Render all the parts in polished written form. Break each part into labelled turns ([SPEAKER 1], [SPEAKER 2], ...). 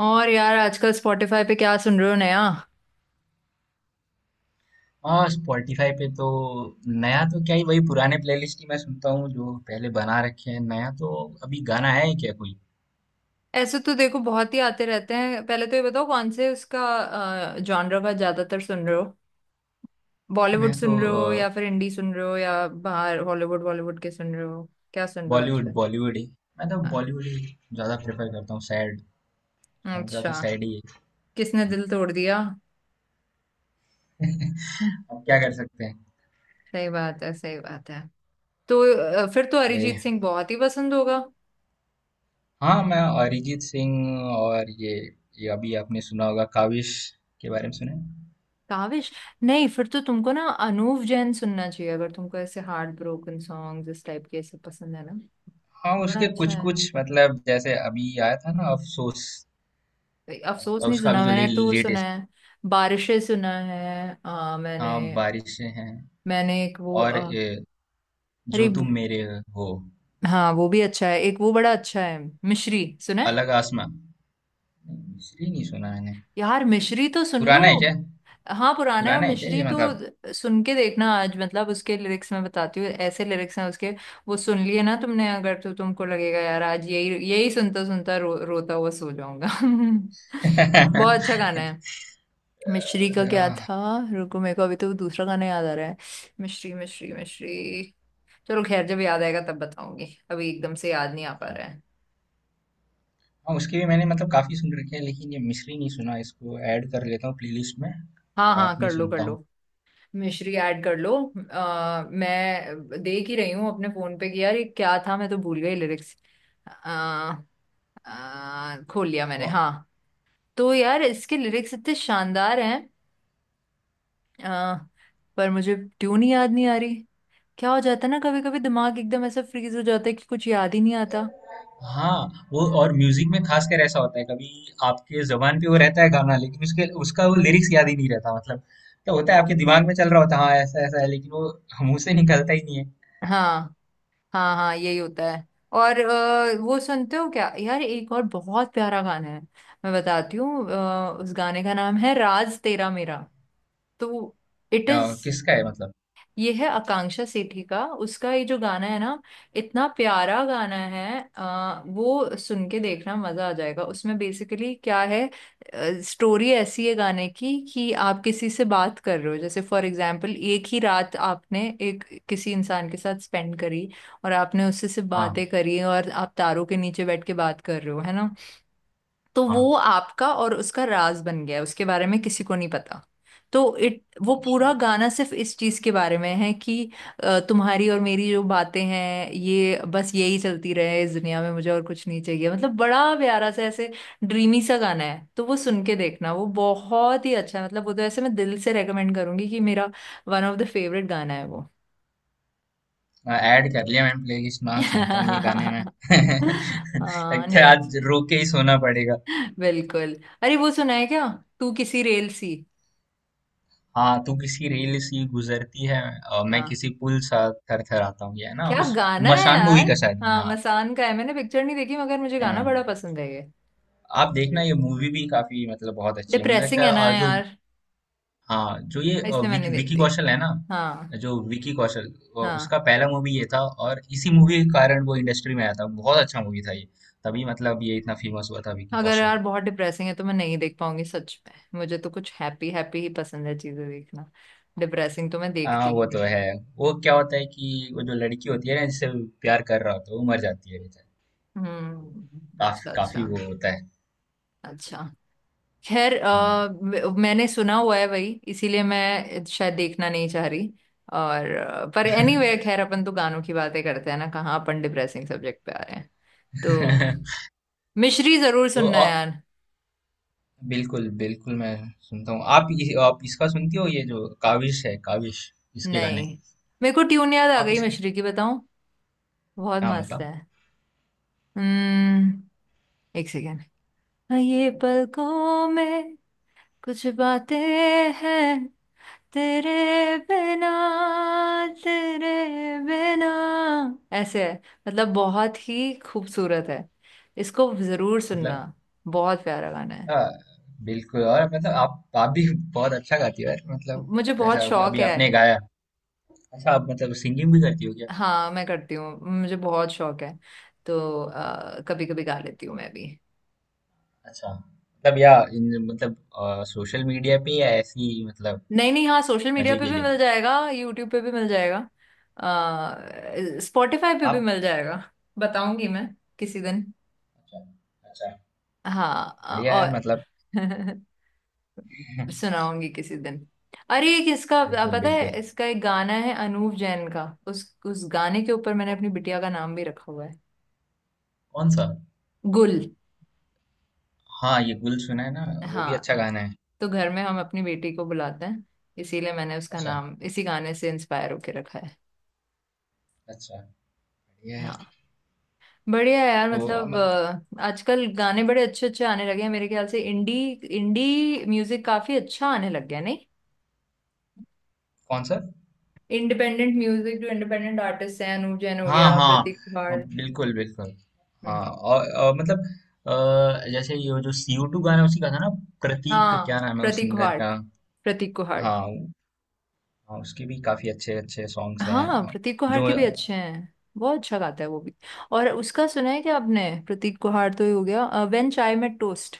[SPEAKER 1] और यार आजकल स्पॉटिफाई पे क्या सुन रहे हो नया।
[SPEAKER 2] हाँ स्पॉटिफाई पे तो नया तो क्या ही वही पुराने प्लेलिस्ट ही मैं सुनता हूँ जो पहले बना रखे हैं। नया तो अभी गाना है ही क्या कोई।
[SPEAKER 1] ऐसे तो देखो बहुत ही आते रहते हैं। पहले तो ये बताओ कौन से उसका जॉनर का ज्यादातर सुन रहे हो। बॉलीवुड
[SPEAKER 2] मैं तो
[SPEAKER 1] सुन रहे हो या फिर हिंदी सुन रहे हो या बाहर हॉलीवुड बॉलीवुड के सुन रहे हो। क्या सुन रहे हो
[SPEAKER 2] बॉलीवुड
[SPEAKER 1] आजकल।
[SPEAKER 2] बॉलीवुड ही मैं तो
[SPEAKER 1] हाँ।
[SPEAKER 2] बॉलीवुड ही ज्यादा प्रेफर करता हूँ। सैड जॉनरा तो
[SPEAKER 1] अच्छा।
[SPEAKER 2] सैड ही है।
[SPEAKER 1] किसने दिल तोड़ दिया। हम्म।
[SPEAKER 2] अब क्या कर सकते हैं।
[SPEAKER 1] सही बात है सही बात है। तो फिर तो
[SPEAKER 2] वही।
[SPEAKER 1] अरिजीत सिंह बहुत ही पसंद होगा।
[SPEAKER 2] हाँ मैं अरिजीत सिंह। और ये अभी आपने सुना होगा काविश के बारे में, सुने?
[SPEAKER 1] काविश। नहीं फिर तो तुमको ना अनूप जैन सुनना चाहिए अगर तुमको ऐसे हार्ट ब्रोकन सॉन्ग इस टाइप के ऐसे पसंद है ना।
[SPEAKER 2] हाँ
[SPEAKER 1] बड़ा
[SPEAKER 2] उसके
[SPEAKER 1] अच्छा
[SPEAKER 2] कुछ
[SPEAKER 1] है।
[SPEAKER 2] कुछ मतलब, जैसे अभी आया था ना अफसोस।
[SPEAKER 1] अफसोस नहीं
[SPEAKER 2] उसका अभी
[SPEAKER 1] सुना
[SPEAKER 2] जो
[SPEAKER 1] मैंने तो वो सुना
[SPEAKER 2] लेटेस्ट।
[SPEAKER 1] है। बारिशें सुना है मैंने।
[SPEAKER 2] हाँ बारिशें हैं।
[SPEAKER 1] मैंने एक वो
[SPEAKER 2] और ये
[SPEAKER 1] अरे
[SPEAKER 2] जो
[SPEAKER 1] एक-
[SPEAKER 2] तुम मेरे हो।
[SPEAKER 1] हाँ वो भी अच्छा है। एक वो बड़ा अच्छा है। मिश्री सुना है।
[SPEAKER 2] अलग आसमां। नहीं, इसलिए नहीं सुना मैंने।
[SPEAKER 1] यार मिश्री तो सुन लो।
[SPEAKER 2] पुराना है क्या?
[SPEAKER 1] हाँ पुराना है और
[SPEAKER 2] पुराना है क्या
[SPEAKER 1] मिश्री
[SPEAKER 2] ये मतलब?
[SPEAKER 1] तो सुन के देखना आज, मतलब उसके लिरिक्स मैं बताती हूँ, ऐसे लिरिक्स हैं उसके। वो सुन लिए ना तुमने, अगर तो तुमको लगेगा यार आज यही यही सुनता सुनता रोता हुआ सो जाऊंगा बहुत अच्छा गाना है। मिश्री का क्या
[SPEAKER 2] आह,
[SPEAKER 1] था। रुको मेरे को अभी तो दूसरा गाना याद आ रहा है। मिश्री मिश्री मिश्री। चलो खैर जब याद आएगा तब बताऊंगी। अभी एकदम से याद नहीं आ पा रहा है।
[SPEAKER 2] हाँ उसकी भी मैंने मतलब काफी सुन रखी है, लेकिन ये मिश्री नहीं सुना, इसको ऐड कर लेता हूँ प्लेलिस्ट में।
[SPEAKER 1] हाँ
[SPEAKER 2] रात
[SPEAKER 1] हाँ
[SPEAKER 2] में
[SPEAKER 1] कर लो कर
[SPEAKER 2] सुनता हूँ।
[SPEAKER 1] लो। मिश्री ऐड कर लो। मैं देख ही रही हूँ अपने फोन पे कि यार ये क्या था, मैं तो भूल गई लिरिक्स। आ, खोल लिया मैंने,
[SPEAKER 2] तो
[SPEAKER 1] हाँ। तो यार इसके लिरिक्स इतने शानदार हैं। आ, पर मुझे ट्यून ही याद नहीं आ रही। क्या हो जाता है ना, कभी कभी दिमाग एकदम ऐसा फ्रीज हो जाता है कि कुछ याद ही नहीं आता।
[SPEAKER 2] हाँ वो, और म्यूजिक में खास कर ऐसा होता है कभी। आपके जबान पे वो रहता है गाना, लेकिन उसके उसका वो लिरिक्स याद ही नहीं रहता मतलब। तो होता है, आपके दिमाग में चल रहा होता है हाँ ऐसा ऐसा है, लेकिन वो मुंह से निकलता ही नहीं है।
[SPEAKER 1] हाँ हाँ हाँ यही होता है। और वो सुनते हो क्या यार, एक और बहुत प्यारा गाना है। मैं बताती हूँ, उस गाने का नाम है राज तेरा मेरा। तो इट इज।
[SPEAKER 2] किसका है मतलब?
[SPEAKER 1] ये है आकांक्षा सेठी का, उसका ये जो गाना है ना, इतना प्यारा गाना है। वो सुन के देखना, मजा आ जाएगा। उसमें बेसिकली क्या है, स्टोरी ऐसी है गाने की कि आप किसी से बात कर रहे हो, जैसे फॉर एग्जांपल एक ही रात आपने एक किसी इंसान के साथ स्पेंड करी और आपने उससे सिर्फ
[SPEAKER 2] हाँ,
[SPEAKER 1] बातें करी, और आप तारों के नीचे बैठ के बात कर रहे हो, है ना। तो वो
[SPEAKER 2] हाँ,
[SPEAKER 1] आपका और उसका राज बन गया है, उसके बारे में किसी को नहीं पता। तो इट वो
[SPEAKER 2] अच्छा,
[SPEAKER 1] पूरा गाना सिर्फ इस चीज के बारे में है कि तुम्हारी और मेरी जो बातें हैं ये बस यही चलती रहे इस दुनिया में, मुझे और कुछ नहीं चाहिए, मतलब बड़ा प्यारा सा ऐसे ड्रीमी सा गाना है। तो वो सुन के देखना, वो बहुत ही अच्छा है, मतलब वो तो ऐसे मैं दिल से रेकमेंड करूंगी कि मेरा वन ऑफ द फेवरेट गाना है वो
[SPEAKER 2] ऐड कर लिया मैंने प्लेलिस्ट में, आज सुनता हूँ ये गाने मैं।
[SPEAKER 1] हाँ
[SPEAKER 2] लगता है
[SPEAKER 1] नहीं
[SPEAKER 2] आज
[SPEAKER 1] अच्छा
[SPEAKER 2] रो के ही सोना पड़ेगा।
[SPEAKER 1] है। बिल्कुल। अरे वो सुना है क्या, तू किसी रेल सी।
[SPEAKER 2] हाँ, तू किसी रेल सी गुजरती है, मैं
[SPEAKER 1] हाँ।
[SPEAKER 2] किसी पुल सा थर थर आता हूँ, ये है ना।
[SPEAKER 1] क्या
[SPEAKER 2] उस
[SPEAKER 1] गाना है
[SPEAKER 2] मशान मूवी
[SPEAKER 1] यार।
[SPEAKER 2] का शायद है,
[SPEAKER 1] हाँ
[SPEAKER 2] हाँ।
[SPEAKER 1] मसान का है, मैंने पिक्चर नहीं देखी मगर मुझे गाना
[SPEAKER 2] हम्म।
[SPEAKER 1] बड़ा पसंद है ये।
[SPEAKER 2] आप देखना, ये मूवी भी काफी मतलब बहुत अच्छी है, मुझे लगता
[SPEAKER 1] डिप्रेसिंग है ना
[SPEAKER 2] है जो।
[SPEAKER 1] यार।
[SPEAKER 2] हाँ, जो ये
[SPEAKER 1] इसलिए मैं नहीं
[SPEAKER 2] विकी
[SPEAKER 1] देखती।
[SPEAKER 2] कौशल है ना,
[SPEAKER 1] हाँ।
[SPEAKER 2] जो विकी कौशल,
[SPEAKER 1] हाँ।
[SPEAKER 2] उसका पहला मूवी ये था। और इसी मूवी के कारण वो इंडस्ट्री में आया था, बहुत अच्छा मूवी था ये। तभी मतलब ये इतना फेमस हुआ था विकी
[SPEAKER 1] अगर
[SPEAKER 2] कौशल।
[SPEAKER 1] यार बहुत डिप्रेसिंग है तो मैं नहीं देख पाऊंगी सच में, मुझे तो कुछ हैप्पी हैप्पी ही पसंद है चीजें देखना। डिप्रेसिंग तो मैं
[SPEAKER 2] हाँ
[SPEAKER 1] देखती ही
[SPEAKER 2] वो तो
[SPEAKER 1] नहीं
[SPEAKER 2] है।
[SPEAKER 1] हूँ।
[SPEAKER 2] वो क्या होता है कि वो जो लड़की होती है ना जिससे वो प्यार कर रहा होता है, वो मर जाती है बेचारी। काफी
[SPEAKER 1] अच्छा
[SPEAKER 2] काफी
[SPEAKER 1] अच्छा।
[SPEAKER 2] वो होता है।
[SPEAKER 1] अच्छा। खैर
[SPEAKER 2] हम्म।
[SPEAKER 1] मैंने सुना हुआ है वही, इसीलिए मैं शायद देखना नहीं चाह रही। और पर एनीवे anyway, खैर अपन तो गानों की बातें करते हैं ना, कहाँ अपन डिप्रेसिंग सब्जेक्ट पे आ रहे हैं। तो मिश्री जरूर
[SPEAKER 2] तो
[SPEAKER 1] सुनना यार।
[SPEAKER 2] बिल्कुल बिल्कुल मैं सुनता हूँ। आप इसका सुनती हो, ये जो काविश है, काविश, इसके गाने?
[SPEAKER 1] नहीं मेरे को ट्यून याद आ
[SPEAKER 2] आप
[SPEAKER 1] गई
[SPEAKER 2] इसके?
[SPEAKER 1] मिश्री की, बताऊं। बहुत
[SPEAKER 2] हाँ
[SPEAKER 1] मस्त
[SPEAKER 2] बताओ
[SPEAKER 1] है। हम्म। एक सेकेंड। ये पलकों में कुछ बातें हैं तेरे बिना तेरे बिना, ऐसे है, मतलब बहुत ही खूबसूरत है। इसको जरूर सुनना।
[SPEAKER 2] मतलब।
[SPEAKER 1] बहुत प्यारा गाना है।
[SPEAKER 2] आ, बिल्कुल। और मतलब आप भी बहुत अच्छा गाती हो यार मतलब।
[SPEAKER 1] मुझे बहुत
[SPEAKER 2] जैसा अभी
[SPEAKER 1] शौक
[SPEAKER 2] अभी
[SPEAKER 1] है।
[SPEAKER 2] आपने गाया। अच्छा, आप मतलब सिंगिंग भी करती हो?
[SPEAKER 1] हाँ मैं करती हूँ। मुझे बहुत शौक है। तो कभी कभी गा लेती हूँ मैं भी।
[SPEAKER 2] अच्छा मतलब, या इन मतलब सोशल मीडिया पे, या ऐसी ही मतलब
[SPEAKER 1] नहीं नहीं, हाँ सोशल मीडिया
[SPEAKER 2] मजे
[SPEAKER 1] पे
[SPEAKER 2] के
[SPEAKER 1] भी
[SPEAKER 2] लिए
[SPEAKER 1] मिल जाएगा, यूट्यूब पे भी मिल जाएगा। स्पॉटिफाई पे भी
[SPEAKER 2] आप?
[SPEAKER 1] मिल जाएगा। बताऊंगी मैं किसी दिन।
[SPEAKER 2] अच्छा, अच्छा,
[SPEAKER 1] हाँ
[SPEAKER 2] बढ़िया यार
[SPEAKER 1] और
[SPEAKER 2] मतलब।
[SPEAKER 1] सुनाऊंगी किसी दिन। अरे एक इसका
[SPEAKER 2] बिल्कुल
[SPEAKER 1] पता है,
[SPEAKER 2] बिल्कुल,
[SPEAKER 1] इसका एक गाना है अनूप जैन का, उस गाने के ऊपर मैंने
[SPEAKER 2] कौ-
[SPEAKER 1] अपनी बिटिया का नाम भी रखा हुआ है।
[SPEAKER 2] कौन सा?
[SPEAKER 1] गुल।
[SPEAKER 2] हाँ ये गुल सुना है ना, वो भी
[SPEAKER 1] हाँ।
[SPEAKER 2] अच्छा गाना है।
[SPEAKER 1] तो घर में हम अपनी बेटी को बुलाते हैं, इसीलिए मैंने उसका
[SPEAKER 2] अच्छा,
[SPEAKER 1] नाम इसी गाने से इंस्पायर होके रखा है।
[SPEAKER 2] अच्छा, बढ़िया है।
[SPEAKER 1] हाँ। बढ़िया है यार,
[SPEAKER 2] तो
[SPEAKER 1] मतलब आजकल गाने बड़े अच्छे अच्छे आने लगे हैं मेरे ख्याल से, इंडी इंडी म्यूजिक काफी अच्छा आने लग गया, नहीं।
[SPEAKER 2] कौन सा?
[SPEAKER 1] इंडिपेंडेंट म्यूजिक, जो इंडिपेंडेंट आर्टिस्ट हैं, अनूप जैन हो
[SPEAKER 2] हाँ,
[SPEAKER 1] गया,
[SPEAKER 2] हाँ,
[SPEAKER 1] प्रतीक कुहाड़।
[SPEAKER 2] बिल्कुल बिल्कुल। हाँ,
[SPEAKER 1] हम्म।
[SPEAKER 2] और मतलब अ, जैसे ये जो सी ओ टू गाना है, उसी का था ना? प्रतीक,
[SPEAKER 1] हाँ
[SPEAKER 2] क्या नाम है उस
[SPEAKER 1] प्रतीक
[SPEAKER 2] सिंगर
[SPEAKER 1] कुहाड़।
[SPEAKER 2] का?
[SPEAKER 1] प्रतीक कुहाड़।
[SPEAKER 2] हाँ उ- हाँ उसके भी काफी अच्छे अच्छे सॉन्ग्स हैं
[SPEAKER 1] हाँ प्रतीक कुहाड़
[SPEAKER 2] जो।
[SPEAKER 1] के भी अच्छे हैं, बहुत अच्छा गाता है वो भी। और उसका सुना है क्या आपने, प्रतीक कुहाड़ तो ही हो गया, व्हेन चाय मेट टोस्ट।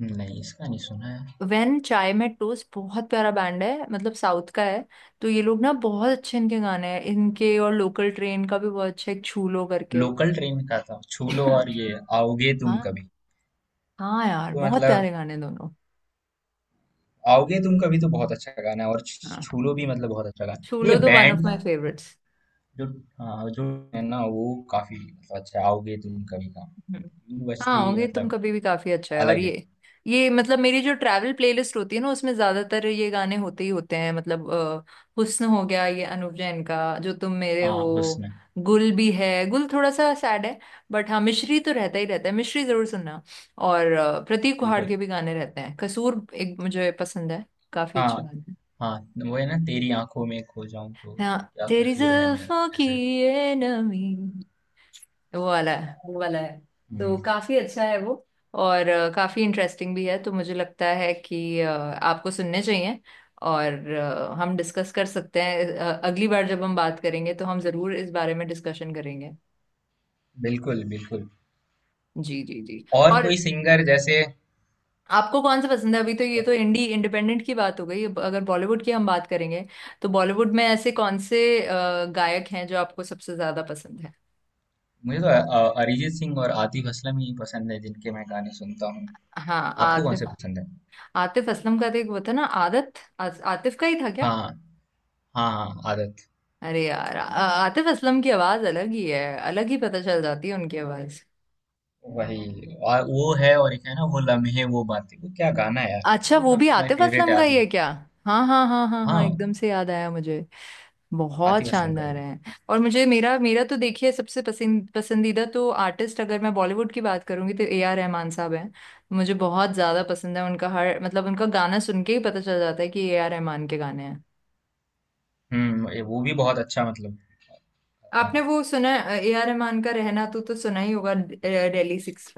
[SPEAKER 2] नहीं, इसका नहीं सुना है।
[SPEAKER 1] वेन चाय में टोस्ट बहुत प्यारा बैंड है, मतलब साउथ का है। तो ये लोग ना बहुत अच्छे, इनके गाने हैं इनके, और लोकल ट्रेन का भी बहुत अच्छा है एक छूलो करके
[SPEAKER 2] लोकल ट्रेन का था, छू लो, और ये आओगे तुम
[SPEAKER 1] हाँ।
[SPEAKER 2] कभी।
[SPEAKER 1] हाँ यार
[SPEAKER 2] तो
[SPEAKER 1] बहुत
[SPEAKER 2] मतलब
[SPEAKER 1] प्यारे गाने दोनों।
[SPEAKER 2] आओगे तुम कभी तो बहुत अच्छा गाना है, और
[SPEAKER 1] हाँ
[SPEAKER 2] छू लो भी मतलब बहुत अच्छा गाना है। नहीं,
[SPEAKER 1] छूलो
[SPEAKER 2] ये
[SPEAKER 1] तो वन ऑफ
[SPEAKER 2] बैंड
[SPEAKER 1] माय
[SPEAKER 2] का
[SPEAKER 1] फेवरेट्स।
[SPEAKER 2] जो, हाँ, जो है ना वो काफी मतलब अच्छा है, आओगे तुम कभी का।
[SPEAKER 1] हम्म।
[SPEAKER 2] यूं बजते
[SPEAKER 1] हाँ
[SPEAKER 2] ही
[SPEAKER 1] होंगे तुम
[SPEAKER 2] मतलब
[SPEAKER 1] कभी भी काफी अच्छा है, और
[SPEAKER 2] अलग है।
[SPEAKER 1] ये मतलब मेरी जो ट्रैवल प्लेलिस्ट होती है ना उसमें ज्यादातर ये गाने होते ही होते हैं, मतलब हुस्न हो गया, ये अनूप जैन का जो तुम मेरे
[SPEAKER 2] हाँ,
[SPEAKER 1] हो।
[SPEAKER 2] हुस्न।
[SPEAKER 1] गुल भी है, गुल थोड़ा सा सैड है। बट हाँ मिश्री तो रहता ही रहता है, मिश्री जरूर सुनना। और प्रतीक कुहाड़
[SPEAKER 2] बिल्कुल।
[SPEAKER 1] के भी गाने रहते हैं, कसूर एक मुझे पसंद है। काफी अच्छे
[SPEAKER 2] हाँ,
[SPEAKER 1] गाने हैं।
[SPEAKER 2] हाँ, वो है ना, तेरी आंखों में खो जाऊं तो,
[SPEAKER 1] हाँ
[SPEAKER 2] क्या
[SPEAKER 1] तेरी
[SPEAKER 2] कसूर है मेरा
[SPEAKER 1] जुल्फों की
[SPEAKER 2] ऐसे।
[SPEAKER 1] ये नमी, वो वाला है वो वाला है। तो
[SPEAKER 2] हम्म,
[SPEAKER 1] काफी अच्छा है वो। और काफी इंटरेस्टिंग भी है तो मुझे लगता है कि आपको सुनने चाहिए। और हम डिस्कस कर सकते हैं, अगली बार जब हम बात करेंगे तो हम जरूर इस बारे में डिस्कशन करेंगे।
[SPEAKER 2] बिल्कुल बिल्कुल।
[SPEAKER 1] जी जी जी।
[SPEAKER 2] और
[SPEAKER 1] और
[SPEAKER 2] कोई सिंगर जैसे?
[SPEAKER 1] आपको कौन सा पसंद है, अभी तो ये तो इंडी इंडिपेंडेंट की बात हो गई, अब अगर बॉलीवुड की हम बात करेंगे तो बॉलीवुड में ऐसे कौन से गायक हैं जो आपको सबसे ज्यादा पसंद है।
[SPEAKER 2] मुझे तो अरिजीत सिंह और आतिफ असलम ही पसंद है, जिनके मैं गाने सुनता हूँ।
[SPEAKER 1] हाँ
[SPEAKER 2] आपको कौन
[SPEAKER 1] आतिफ।
[SPEAKER 2] से पसंद है?
[SPEAKER 1] आतिफ असलम का तो एक वो था ना, आदत। आ, आतिफ का ही था क्या।
[SPEAKER 2] हाँ, हाँ, हाँ, आदत।
[SPEAKER 1] अरे यार आतिफ असलम की आवाज अलग ही है। अलग ही पता चल जाती है उनकी आवाज।
[SPEAKER 2] वही, और वो है, और एक है ना वो लम्हे वो बातें, वो क्या गाना है यार,
[SPEAKER 1] अच्छा
[SPEAKER 2] वन
[SPEAKER 1] वो
[SPEAKER 2] ऑफ
[SPEAKER 1] भी
[SPEAKER 2] the my
[SPEAKER 1] Atif
[SPEAKER 2] favourite
[SPEAKER 1] Aslam
[SPEAKER 2] है,
[SPEAKER 1] का ही है
[SPEAKER 2] आतिफ।
[SPEAKER 1] क्या। हाँ हाँ हाँ हाँ हाँ,
[SPEAKER 2] हाँ,
[SPEAKER 1] एकदम से याद आया मुझे। बहुत
[SPEAKER 2] आतिफ असलम का ही
[SPEAKER 1] शानदार
[SPEAKER 2] है।
[SPEAKER 1] है। और मुझे मेरा मेरा तो देखिए सबसे पसंदीदा तो आर्टिस्ट, अगर मैं बॉलीवुड की बात करूंगी तो ए आर रहमान साहब हैं। मुझे बहुत ज्यादा पसंद है, उनका हर, मतलब उनका गाना सुन के ही पता चल जाता है कि ए आर रहमान के गाने हैं।
[SPEAKER 2] वो भी बहुत अच्छा मतलब।
[SPEAKER 1] आपने
[SPEAKER 2] हम्म,
[SPEAKER 1] वो सुना ए आर रहमान का, रहना तू तो सुना ही होगा, दिल्ली सिक्स।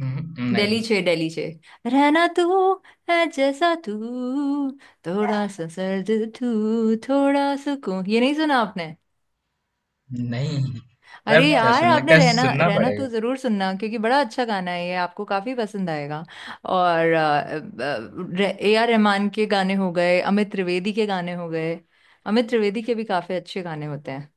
[SPEAKER 1] डेली
[SPEAKER 2] नहीं,
[SPEAKER 1] छे डेली छे। रहना तू, है जैसा तू, थोड़ा सा सर्द तू थोड़ा सुकून, ये नहीं सुना आपने।
[SPEAKER 2] नहीं,
[SPEAKER 1] अरे
[SPEAKER 2] मतलब
[SPEAKER 1] यार
[SPEAKER 2] सुन,
[SPEAKER 1] आपने
[SPEAKER 2] लगता है
[SPEAKER 1] रहना
[SPEAKER 2] सुनना
[SPEAKER 1] रहना तू
[SPEAKER 2] पड़ेगा।
[SPEAKER 1] जरूर सुनना क्योंकि बड़ा अच्छा गाना है ये, आपको काफी पसंद आएगा। और ए आर रहमान के गाने हो गए, अमित त्रिवेदी के गाने हो गए। अमित त्रिवेदी के भी काफी अच्छे गाने होते हैं।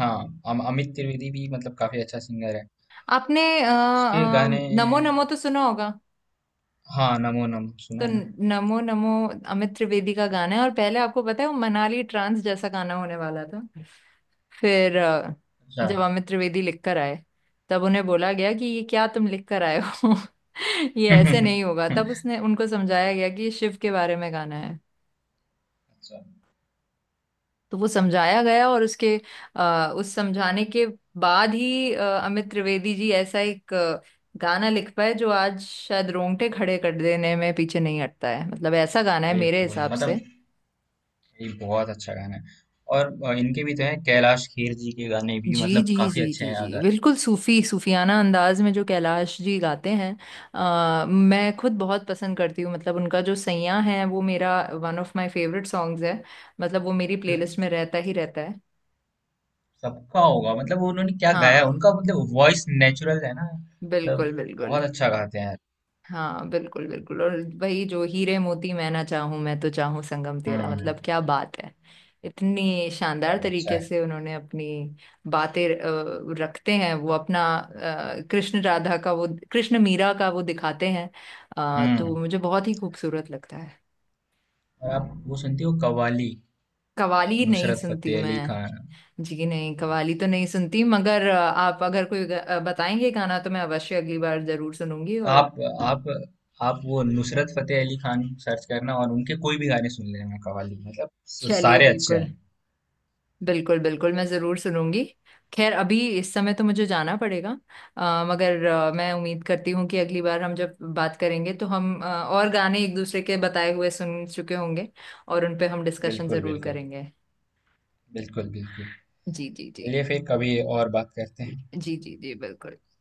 [SPEAKER 2] हाँ, अमित त्रिवेदी भी मतलब काफी अच्छा सिंगर है,
[SPEAKER 1] आपने
[SPEAKER 2] उसके गाने।
[SPEAKER 1] नमो नमो तो सुना होगा।
[SPEAKER 2] हाँ, नमो नम सुना
[SPEAKER 1] तो
[SPEAKER 2] है ना।
[SPEAKER 1] नमो नमो अमित त्रिवेदी का गाना है, और पहले आपको पता है वो मनाली ट्रांस जैसा गाना होने वाला था। फिर
[SPEAKER 2] अच्छा।
[SPEAKER 1] जब अमित त्रिवेदी लिख कर आए तब उन्हें बोला गया कि ये क्या तुम लिख कर आए हो ये ऐसे नहीं होगा, तब उसने उनको समझाया गया कि ये शिव के बारे में गाना है।
[SPEAKER 2] अच्छा
[SPEAKER 1] तो वो समझाया गया, और उसके उस समझाने के बाद ही अमित त्रिवेदी जी ऐसा एक गाना लिख पाए जो आज शायद रोंगटे खड़े कर देने में पीछे नहीं हटता है, मतलब ऐसा गाना है
[SPEAKER 2] भाई,
[SPEAKER 1] मेरे हिसाब से।
[SPEAKER 2] मतलब ये बहुत अच्छा गाना है। और इनके भी तो हैं, कैलाश खेर जी के गाने भी
[SPEAKER 1] जी
[SPEAKER 2] मतलब
[SPEAKER 1] जी
[SPEAKER 2] काफी
[SPEAKER 1] जी
[SPEAKER 2] अच्छे
[SPEAKER 1] जी
[SPEAKER 2] हैं,
[SPEAKER 1] जी,
[SPEAKER 2] अगर
[SPEAKER 1] बिल्कुल सूफी सूफियाना अंदाज में जो कैलाश जी गाते हैं। मैं खुद बहुत पसंद करती हूँ, मतलब उनका जो सैयां है वो मेरा one of my favourite songs है। मतलब वो मेरी प्लेलिस्ट में रहता ही रहता है।
[SPEAKER 2] सबका होगा मतलब वो, उन्होंने क्या गाया है,
[SPEAKER 1] हाँ
[SPEAKER 2] उनका मतलब वॉइस नेचुरल है ना मतलब,
[SPEAKER 1] बिल्कुल बिल्कुल।
[SPEAKER 2] बहुत अच्छा गाते हैं।
[SPEAKER 1] हाँ बिल्कुल बिल्कुल, और भाई जो हीरे मोती मैं ना चाहूं मैं तो चाहूं संगम तेरा,
[SPEAKER 2] हम्म,
[SPEAKER 1] मतलब क्या बात है। इतनी शानदार
[SPEAKER 2] बहुत अच्छा
[SPEAKER 1] तरीके
[SPEAKER 2] है।
[SPEAKER 1] से उन्होंने अपनी बातें रखते हैं, वो अपना कृष्ण राधा का वो, कृष्ण मीरा का वो दिखाते हैं। तो
[SPEAKER 2] हम्म,
[SPEAKER 1] मुझे बहुत ही खूबसूरत लगता है।
[SPEAKER 2] और आप वो सुनती हो कव्वाली,
[SPEAKER 1] कवाली नहीं
[SPEAKER 2] नुसरत
[SPEAKER 1] सुनती
[SPEAKER 2] फतेह अली
[SPEAKER 1] मैं।
[SPEAKER 2] खान?
[SPEAKER 1] जी नहीं कवाली तो नहीं सुनती, मगर आप अगर कोई बताएंगे गाना तो मैं अवश्य अगली बार जरूर सुनूंगी, और
[SPEAKER 2] आप आप आप वो नुसरत फतेह अली खान सर्च करना, और उनके कोई भी गाने सुन लेना, कव्वाली मतलब
[SPEAKER 1] चलिए
[SPEAKER 2] सारे अच्छे
[SPEAKER 1] बिल्कुल।
[SPEAKER 2] हैं।
[SPEAKER 1] बिल्कुल बिल्कुल, मैं ज़रूर सुनूंगी। खैर अभी इस समय तो मुझे जाना पड़ेगा। मगर मैं उम्मीद करती हूँ कि अगली बार हम जब बात करेंगे तो हम और गाने एक दूसरे के बताए हुए सुन चुके होंगे, और उन पे हम डिस्कशन
[SPEAKER 2] बिल्कुल
[SPEAKER 1] ज़रूर
[SPEAKER 2] बिल्कुल,
[SPEAKER 1] करेंगे।
[SPEAKER 2] बिल्कुल बिल्कुल।
[SPEAKER 1] जी जी जी
[SPEAKER 2] चलिए, फिर कभी और बात करते हैं।
[SPEAKER 1] जी जी जी बिल्कुल।